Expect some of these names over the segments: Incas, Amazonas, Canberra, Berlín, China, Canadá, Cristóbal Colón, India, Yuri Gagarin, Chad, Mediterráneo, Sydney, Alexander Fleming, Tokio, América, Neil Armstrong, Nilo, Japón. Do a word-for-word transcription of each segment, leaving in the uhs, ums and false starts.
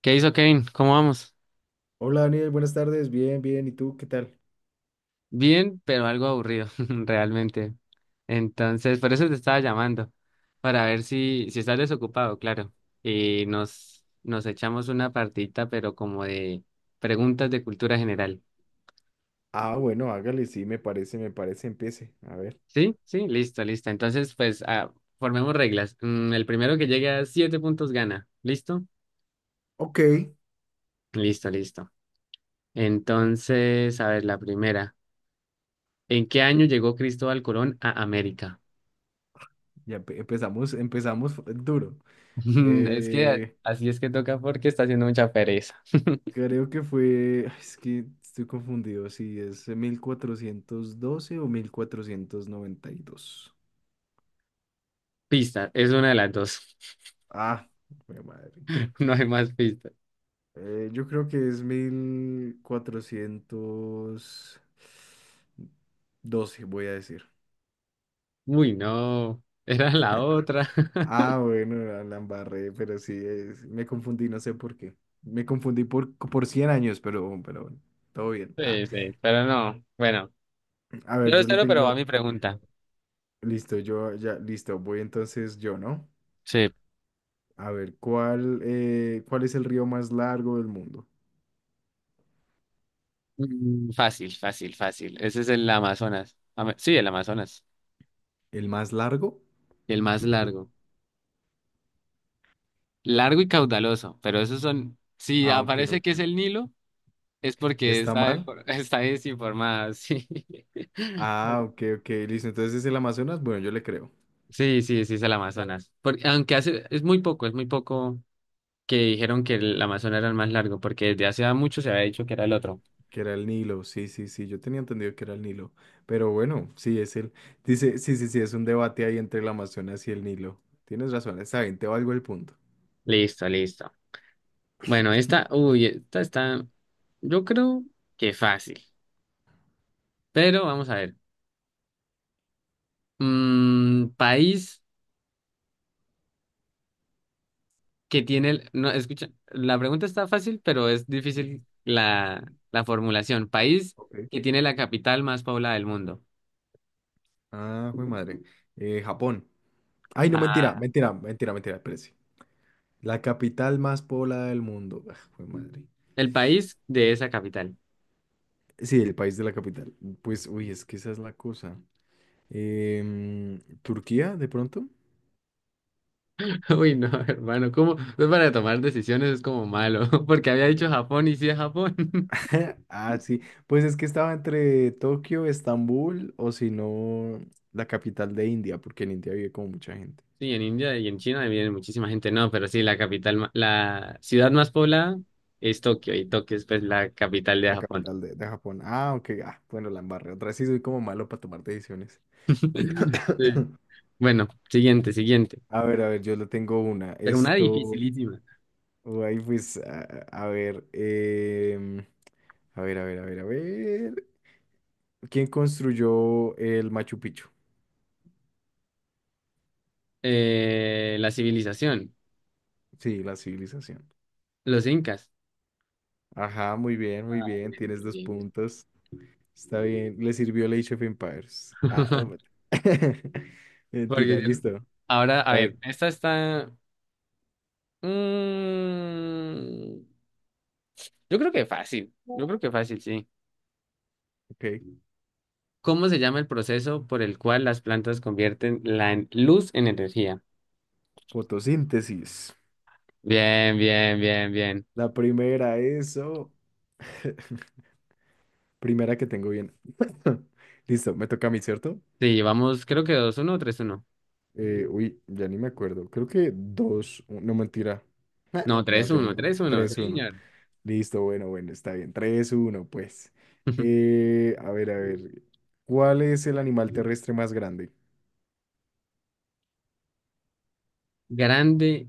¿Qué hizo Kevin? ¿Cómo vamos? Hola Daniel, buenas tardes. Bien, bien. ¿Y tú qué tal? Bien, pero algo aburrido, realmente. Entonces, por eso te estaba llamando, para ver si, si estás desocupado, claro. Y nos, nos echamos una partita, pero como de preguntas de cultura general. Ah, bueno, hágale, sí, me parece, me parece, empiece. A ver. ¿Sí? Sí, listo, listo. Entonces, pues, ah, formemos reglas. Mm, el primero que llegue a siete puntos gana. ¿Listo? Ok, Listo, listo. Entonces, a ver, la primera. ¿En qué año llegó Cristóbal Colón a América? ya empe- empezamos, empezamos fu- duro. Es que Eh, así es que toca porque está haciendo mucha pereza. creo que fue, es que estoy confundido si es mil cuatrocientos doce o mil cuatrocientos noventa y dos. Pista, es una de las dos. Ah, jue madre. No hay más pistas. Eh, yo creo que es mil cuatrocientos doce, voy a decir. Uy, no, era la otra. Ah, bueno, la, la embarré, pero sí, es- me confundí, no sé por qué. Me confundí por, por cien años, pero, pero bueno, todo bien. Ah, Sí, sí, pero no. Bueno, a ver, cero, yo le cero, pero va tengo, mi pregunta. listo, yo ya, listo, voy entonces yo, ¿no? Sí, A ver, ¿cuál, eh, cuál es el río más largo del mundo? Mm, fácil, fácil, fácil. Ese es el Amazonas. Ama- Sí, el Amazonas. ¿El más largo? El más largo. Largo y caudaloso, pero esos son... Si Ah, ok, aparece que ok. es el Nilo, es porque ¿Está está, de- mal? está desinformada, sí. Ah, ok, ok, listo, entonces es el Amazonas, bueno, yo le creo. Sí, sí, sí es el Amazonas. Por- aunque hace, es muy poco, es muy poco que dijeron que el Amazonas era el más largo, porque desde hace mucho se había dicho que era el otro. Que era el Nilo, sí, sí, sí, yo tenía entendido que era el Nilo, pero bueno, sí, es el, dice, sí, sí, sí, es un debate ahí entre el Amazonas y el Nilo. Tienes razón, está bien, te valgo el punto. Listo, listo. Bueno, esta, uy, esta está, yo creo que fácil, pero vamos a ver. Mm, país que tiene, el- no, escucha, la pregunta está fácil, pero es difícil la, la formulación. País Ok. que tiene la capital más poblada del mundo. Ah, fue madre. Eh, Japón. Ay, no, mentira, Ah, mentira, mentira, mentira, espérese. La capital más poblada del mundo. Ah, fue madre. el país de esa capital. Sí, el país de la capital. Pues, uy, es que esa es la cosa. Em, ¿Turquía, de pronto? Uy, no, hermano, ¿cómo? Pues para tomar decisiones es como malo, porque había dicho Japón y sí es Japón. Ah, sí. Pues es que estaba entre Tokio, Estambul o si no, la capital de India, porque en India vive como mucha gente. Sí, en India y en China viene muchísima gente, no, pero sí, la capital, ma- la ciudad más poblada es Tokio y Tokio es pues la capital de La Japón. capital de, de Japón. Ah, ok. Ah, bueno, la embarré. Otra vez sí soy como malo para tomar decisiones. Sí. Bueno, siguiente, siguiente. A ver, a ver, yo le tengo una. Pero una Esto, dificilísima. oh, ahí pues, a, a ver, em, a ver, a ver, a ver, a ver. ¿Quién construyó el Machu Picchu? Eh, la civilización, Sí, la civilización. los incas. Ajá, muy bien, muy Ah, bien. bien, Tienes bien, dos bien, bien. puntos. Está bien, le sirvió el Age of Empires. Ah, no. men- Porque, Mentira, ¿vieron? listo. Ahora, a A ver, ver, esta está... mm, yo creo que fácil, yo creo que fácil, sí. ok. ¿Cómo se llama el proceso por el cual las plantas convierten la en- luz en energía? Fotosíntesis. Bien, bien, bien, bien. La primera, eso. Primera que tengo bien. Listo, me toca a mí, ¿cierto? Sí, llevamos creo que dos uno o tres uno. Eh, uy, ya ni me acuerdo. Creo que dos, no mentira. Ah, No, ya no tres tengo ni uno idea. tres uno. Sí, tres uno. señor. Listo, bueno, bueno, está bien. Tres uno pues. Eh, a ver, a ver. ¿Cuál es el animal terrestre más grande? ¿Grande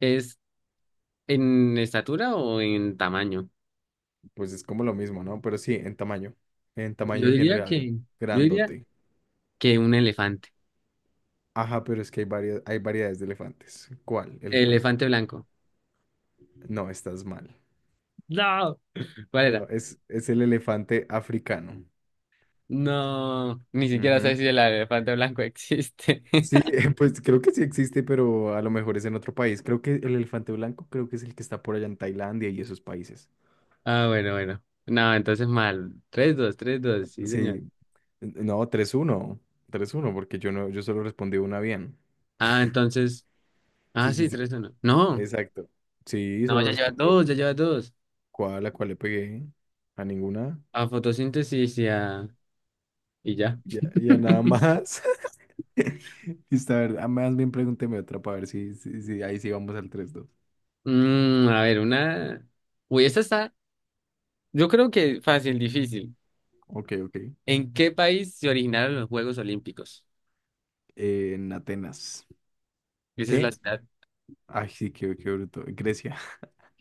es en estatura o en tamaño? Pues es como lo mismo, ¿no? Pero sí, en tamaño. En Yo tamaño en diría general, que, yo diría grandote. que un elefante. Ajá, pero es que hay varias, hay variedades de elefantes. ¿Cuál elefante? Elefante blanco. No, estás mal. No, ¿cuál No, era? es, es el elefante africano. No, ni siquiera sé Ujú. si el elefante blanco existe. Sí, pues creo que sí existe, pero a lo mejor es en otro país. Creo que el elefante blanco creo que es el que está por allá en Tailandia y esos países. Ah, bueno, bueno. No, entonces mal. Tres, dos, tres, dos, sí, señor. Sí, no, tres uno, tres uno, porque yo no, yo solo respondí una bien. Ah, entonces. Sí, Ah, sí, sí, sí. tres, uno. No, Exacto. Sí, no, solo ya lleva respondí dos, ya lleva dos. ¿Cuál? ¿A cuál le pegué? ¿A ninguna? A fotosíntesis y a. Y ya. ¿Y a, y a nada más? Está verdad. Más bien pregúnteme otra para ver si, si, si ahí sí vamos al tres dos. Mm, a ver, una. Uy, esta está. Yo creo que fácil, difícil. Ok, ok. ¿En qué país se originaron los Juegos Olímpicos? Eh, en Atenas. Esa es la ¿Qué? ciudad. Ay, sí, qué, qué bruto. Grecia.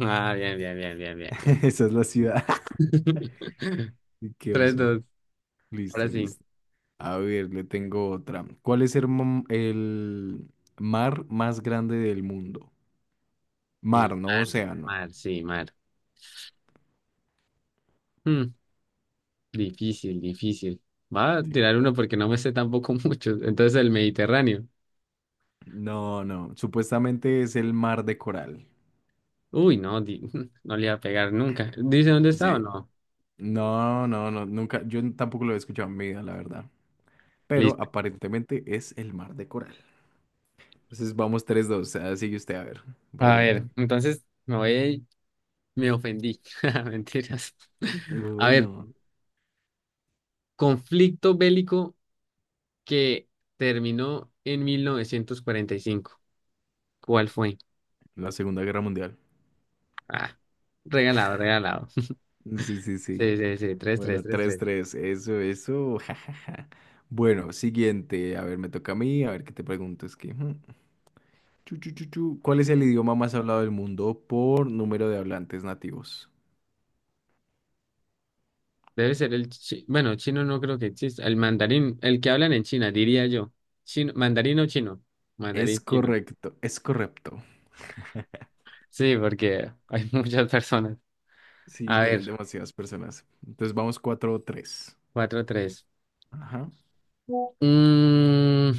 Ah, bien, bien, bien, bien, bien, bien. Esa es la ciudad. Y qué Tres, oso. dos. Ahora Listo, sí. listo. A ver, le tengo otra. ¿Cuál es el, mo- el mar más grande del mundo? Mar, El no mar, océano. mar, sí, mar. Hmm. Difícil, difícil. Va a Sí. tirar uno porque no me sé tampoco mucho. Entonces el Mediterráneo. No, no. Supuestamente es el mar de coral. Uy, no, di- no le iba a pegar nunca. ¿Dice dónde está o Sí. no? No, no, no, nunca, yo tampoco lo he escuchado en mi vida, la verdad. Pero Listo. aparentemente es el mar de coral. Entonces vamos tres, dos. Ah, sigue usted. A ver, A ver, pregúnteme. entonces me voy, me ofendí. Mentiras. A Uy, ver, no. conflicto bélico que terminó en mil novecientos cuarenta y cinco. ¿Cuál fue? La Segunda Guerra Mundial. Ah, regalado, regalado. Sí, sí, sí. Sí, sí, sí, tres, tres, Bueno, tres, tres, tres. tres. Eso, eso, jajaja. Bueno, siguiente, a ver, me toca a mí, a ver qué te pregunto, es que... mm, chu, chu, chu, chu. ¿Cuál es el idioma más hablado del mundo por número de hablantes nativos? Debe ser el chi- bueno, chino no creo que exista. El mandarín, el que hablan en China, diría yo. Chino, mandarín o chino. Es Mandarín chino. correcto, es correcto. Sí, porque hay muchas personas. Sí, A tienen ver, demasiadas personas. Entonces vamos cuatro tres. cuatro tres. Ajá. Mm,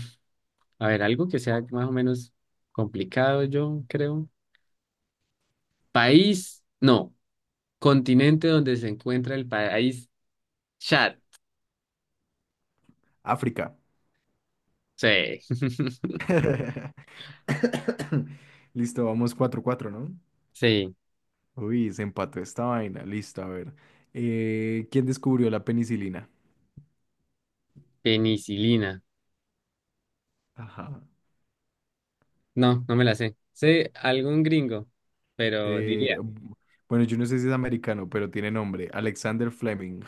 a ver, algo que sea más o menos complicado, yo creo. País, no. Continente donde se encuentra el país Chad. África. Sí. Listo, vamos cuatro cuatro, ¿no? Sí. Uy, se empató esta vaina. Listo, a ver. Eh, ¿quién descubrió la penicilina? Penicilina. Ajá. No, no me la sé. Sé algún gringo, pero Eh, diría. bu- bueno, yo no sé si es americano, pero tiene nombre. Alexander Fleming.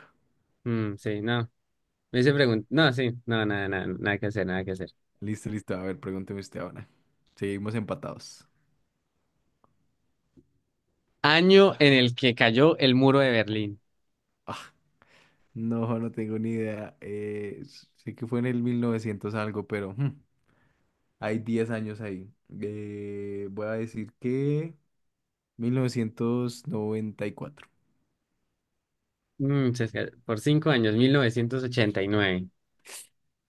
Mm, sí, no. Me hice preguntar. No, sí, no, nada, nada, nada que hacer, nada que hacer. Listo, listo. A ver, pregúnteme usted ahora. Seguimos empatados. Año en el que cayó el muro de Berlín. Ah, no, no tengo ni idea. Eh, sé que fue en el mil novecientos algo, pero... hmm. Hay diez años ahí. Eh, voy a decir que mil novecientos noventa y cuatro. Mm, se esca- por cinco años, mil novecientos ochenta y nueve.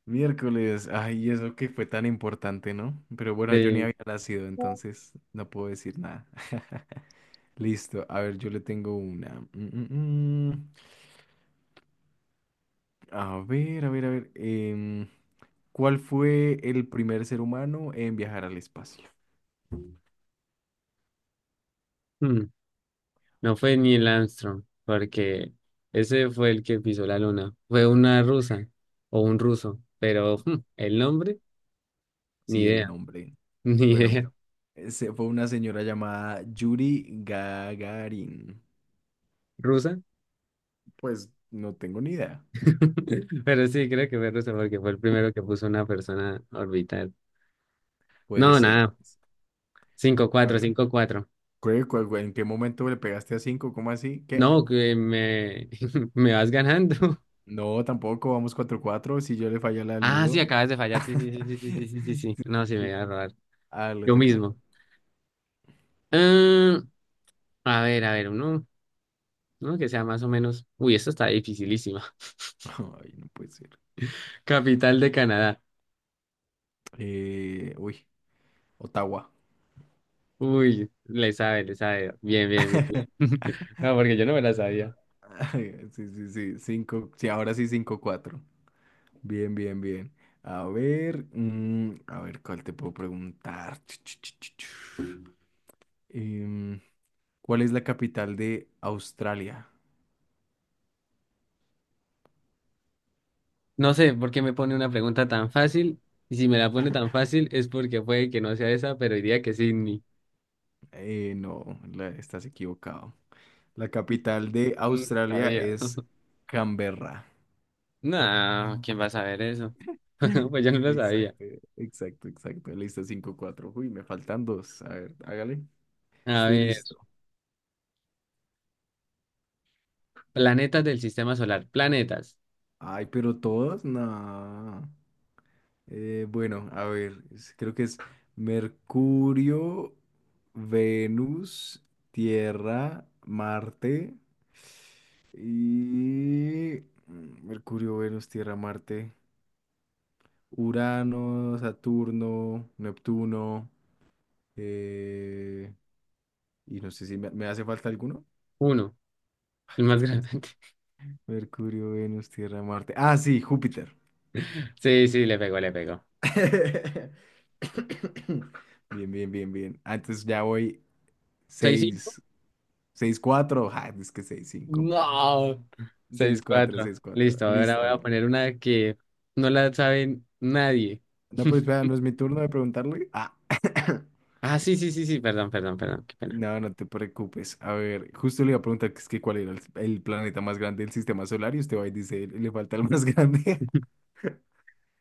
Miércoles. Ay, eso que fue tan importante, ¿no? Pero bueno, yo ni Sí. había nacido, entonces no puedo decir nada. Listo. A ver, yo le tengo una. Mm, mm, mm. A ver, a ver, a ver. em, ¿cuál fue el primer ser humano en viajar al espacio? Mm, no fue Neil Armstrong, porque ese fue el que pisó la luna. Fue una rusa o un ruso, pero mm, el nombre, ni Sí, el idea, nombre. ni Bueno, idea. se fue una señora llamada Yuri Gagarin. ¿Rusa? Pues no tengo ni idea. Pero sí, creo que fue rusa porque fue el primero que puso una persona orbital. Puede No, ser, nada, pues. cinco A cuatro, ver. cinco cuatro. ¿Cuál- cuál- cuál- ¿En qué momento le pegaste a cinco? ¿Cómo así? ¿Qué? No, que me, me vas ganando. No, tampoco. Vamos cuatro cuatro. Si yo le falla la del Ah, sí, muro. acabas de fallar. Sí, sí, sí, sí, sí, sí, sí, sí. Sí. Sí, sí, No, sí, me voy sí. a robar. Ah, le Yo toca. mismo. Mm, a ver, a ver, uno, uno que sea más o menos. Uy, esto está dificilísima. Ay, no puede ser. Capital de Canadá. Eh, uy, Ottawa. Uy, le sabe, le sabe. Bien, bien, bien. No, porque yo no me la sabía. Ay, sí, sí, sí. Cinco. Sí, ahora sí cinco cuatro. Bien, bien, bien. A ver. mm, a ver, ¿cuál te puedo preguntar? ¿Cuál es la capital de Australia? No sé por qué me pone una pregunta tan fácil. Y si me la pone tan fácil es porque puede que no sea esa, pero diría que Sydney. Eh, no, la- estás equivocado. La capital de Mm, Australia Sabía. es Canberra. No, ¿quién va a saber eso? Pues yo no lo sabía. Exacto, exacto, exacto. Listo, cinco cuatro. Uy, me faltan dos. A ver, hágale. A Estoy ver, listo. planetas del sistema solar. Planetas. Ay, pero todos, no. Eh, bueno, a ver, es- creo que es Mercurio, Venus, Tierra, Marte y mm, Mercurio, Venus, Tierra, Marte, Urano, Saturno, Neptuno eh, y no sé si me, me hace falta alguno. Uno, el más grande. Mercurio, Venus, Tierra, Marte. Ah, sí, Júpiter. Sí, sí, le pegó, le pegó. Bien, bien, bien, bien. Ah, entonces ya voy ¿Seis, cinco? seis. Seis cuatro. Ah, es que seis cinco. No. seis Seis, cuatro cuatro. Seis cuatro. Listo, ahora Listo, voy a a ver. poner una que no la sabe nadie. No, pero espera, ¿no es mi turno de preguntarle? Ah. Ah, sí, sí, sí, sí, perdón, perdón, perdón, qué pena. No, no te preocupes. A ver, justo le iba a preguntar que es que cuál era el, el planeta más grande del sistema solar y usted va y dice, le falta el más grande.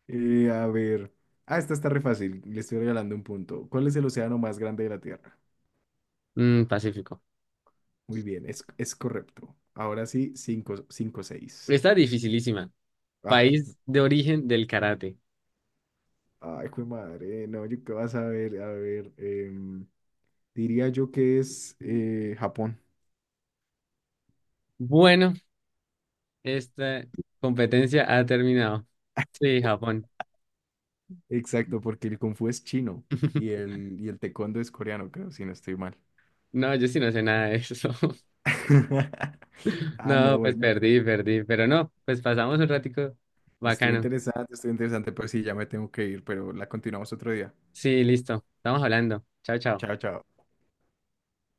Eh, a ver. Ah, esta está re fácil. Le estoy regalando un punto. ¿Cuál es el océano más grande de la Tierra? Mm, Pacífico. Muy bien, es, es correcto. Ahora sí, cinco cinco seis. Esta dificilísima. Ay, País de origen del karate. ay, jue madre. No, yo qué vas a ver. A ver. Eh, Diría yo que es eh, Japón. Bueno, esta competencia ha terminado. Sí, Japón. Exacto, porque el Kung Fu es chino y el, y el Taekwondo es coreano, creo, si no estoy mal. No, yo sí no sé nada de eso. Ah, no, No, pues bueno. perdí, perdí, pero no, pues pasamos un ratico Estuvo bacano. interesante, estuvo interesante, pero sí, ya me tengo que ir, pero la continuamos otro día. Sí, listo, estamos hablando. Chao, chao. Chao, chao.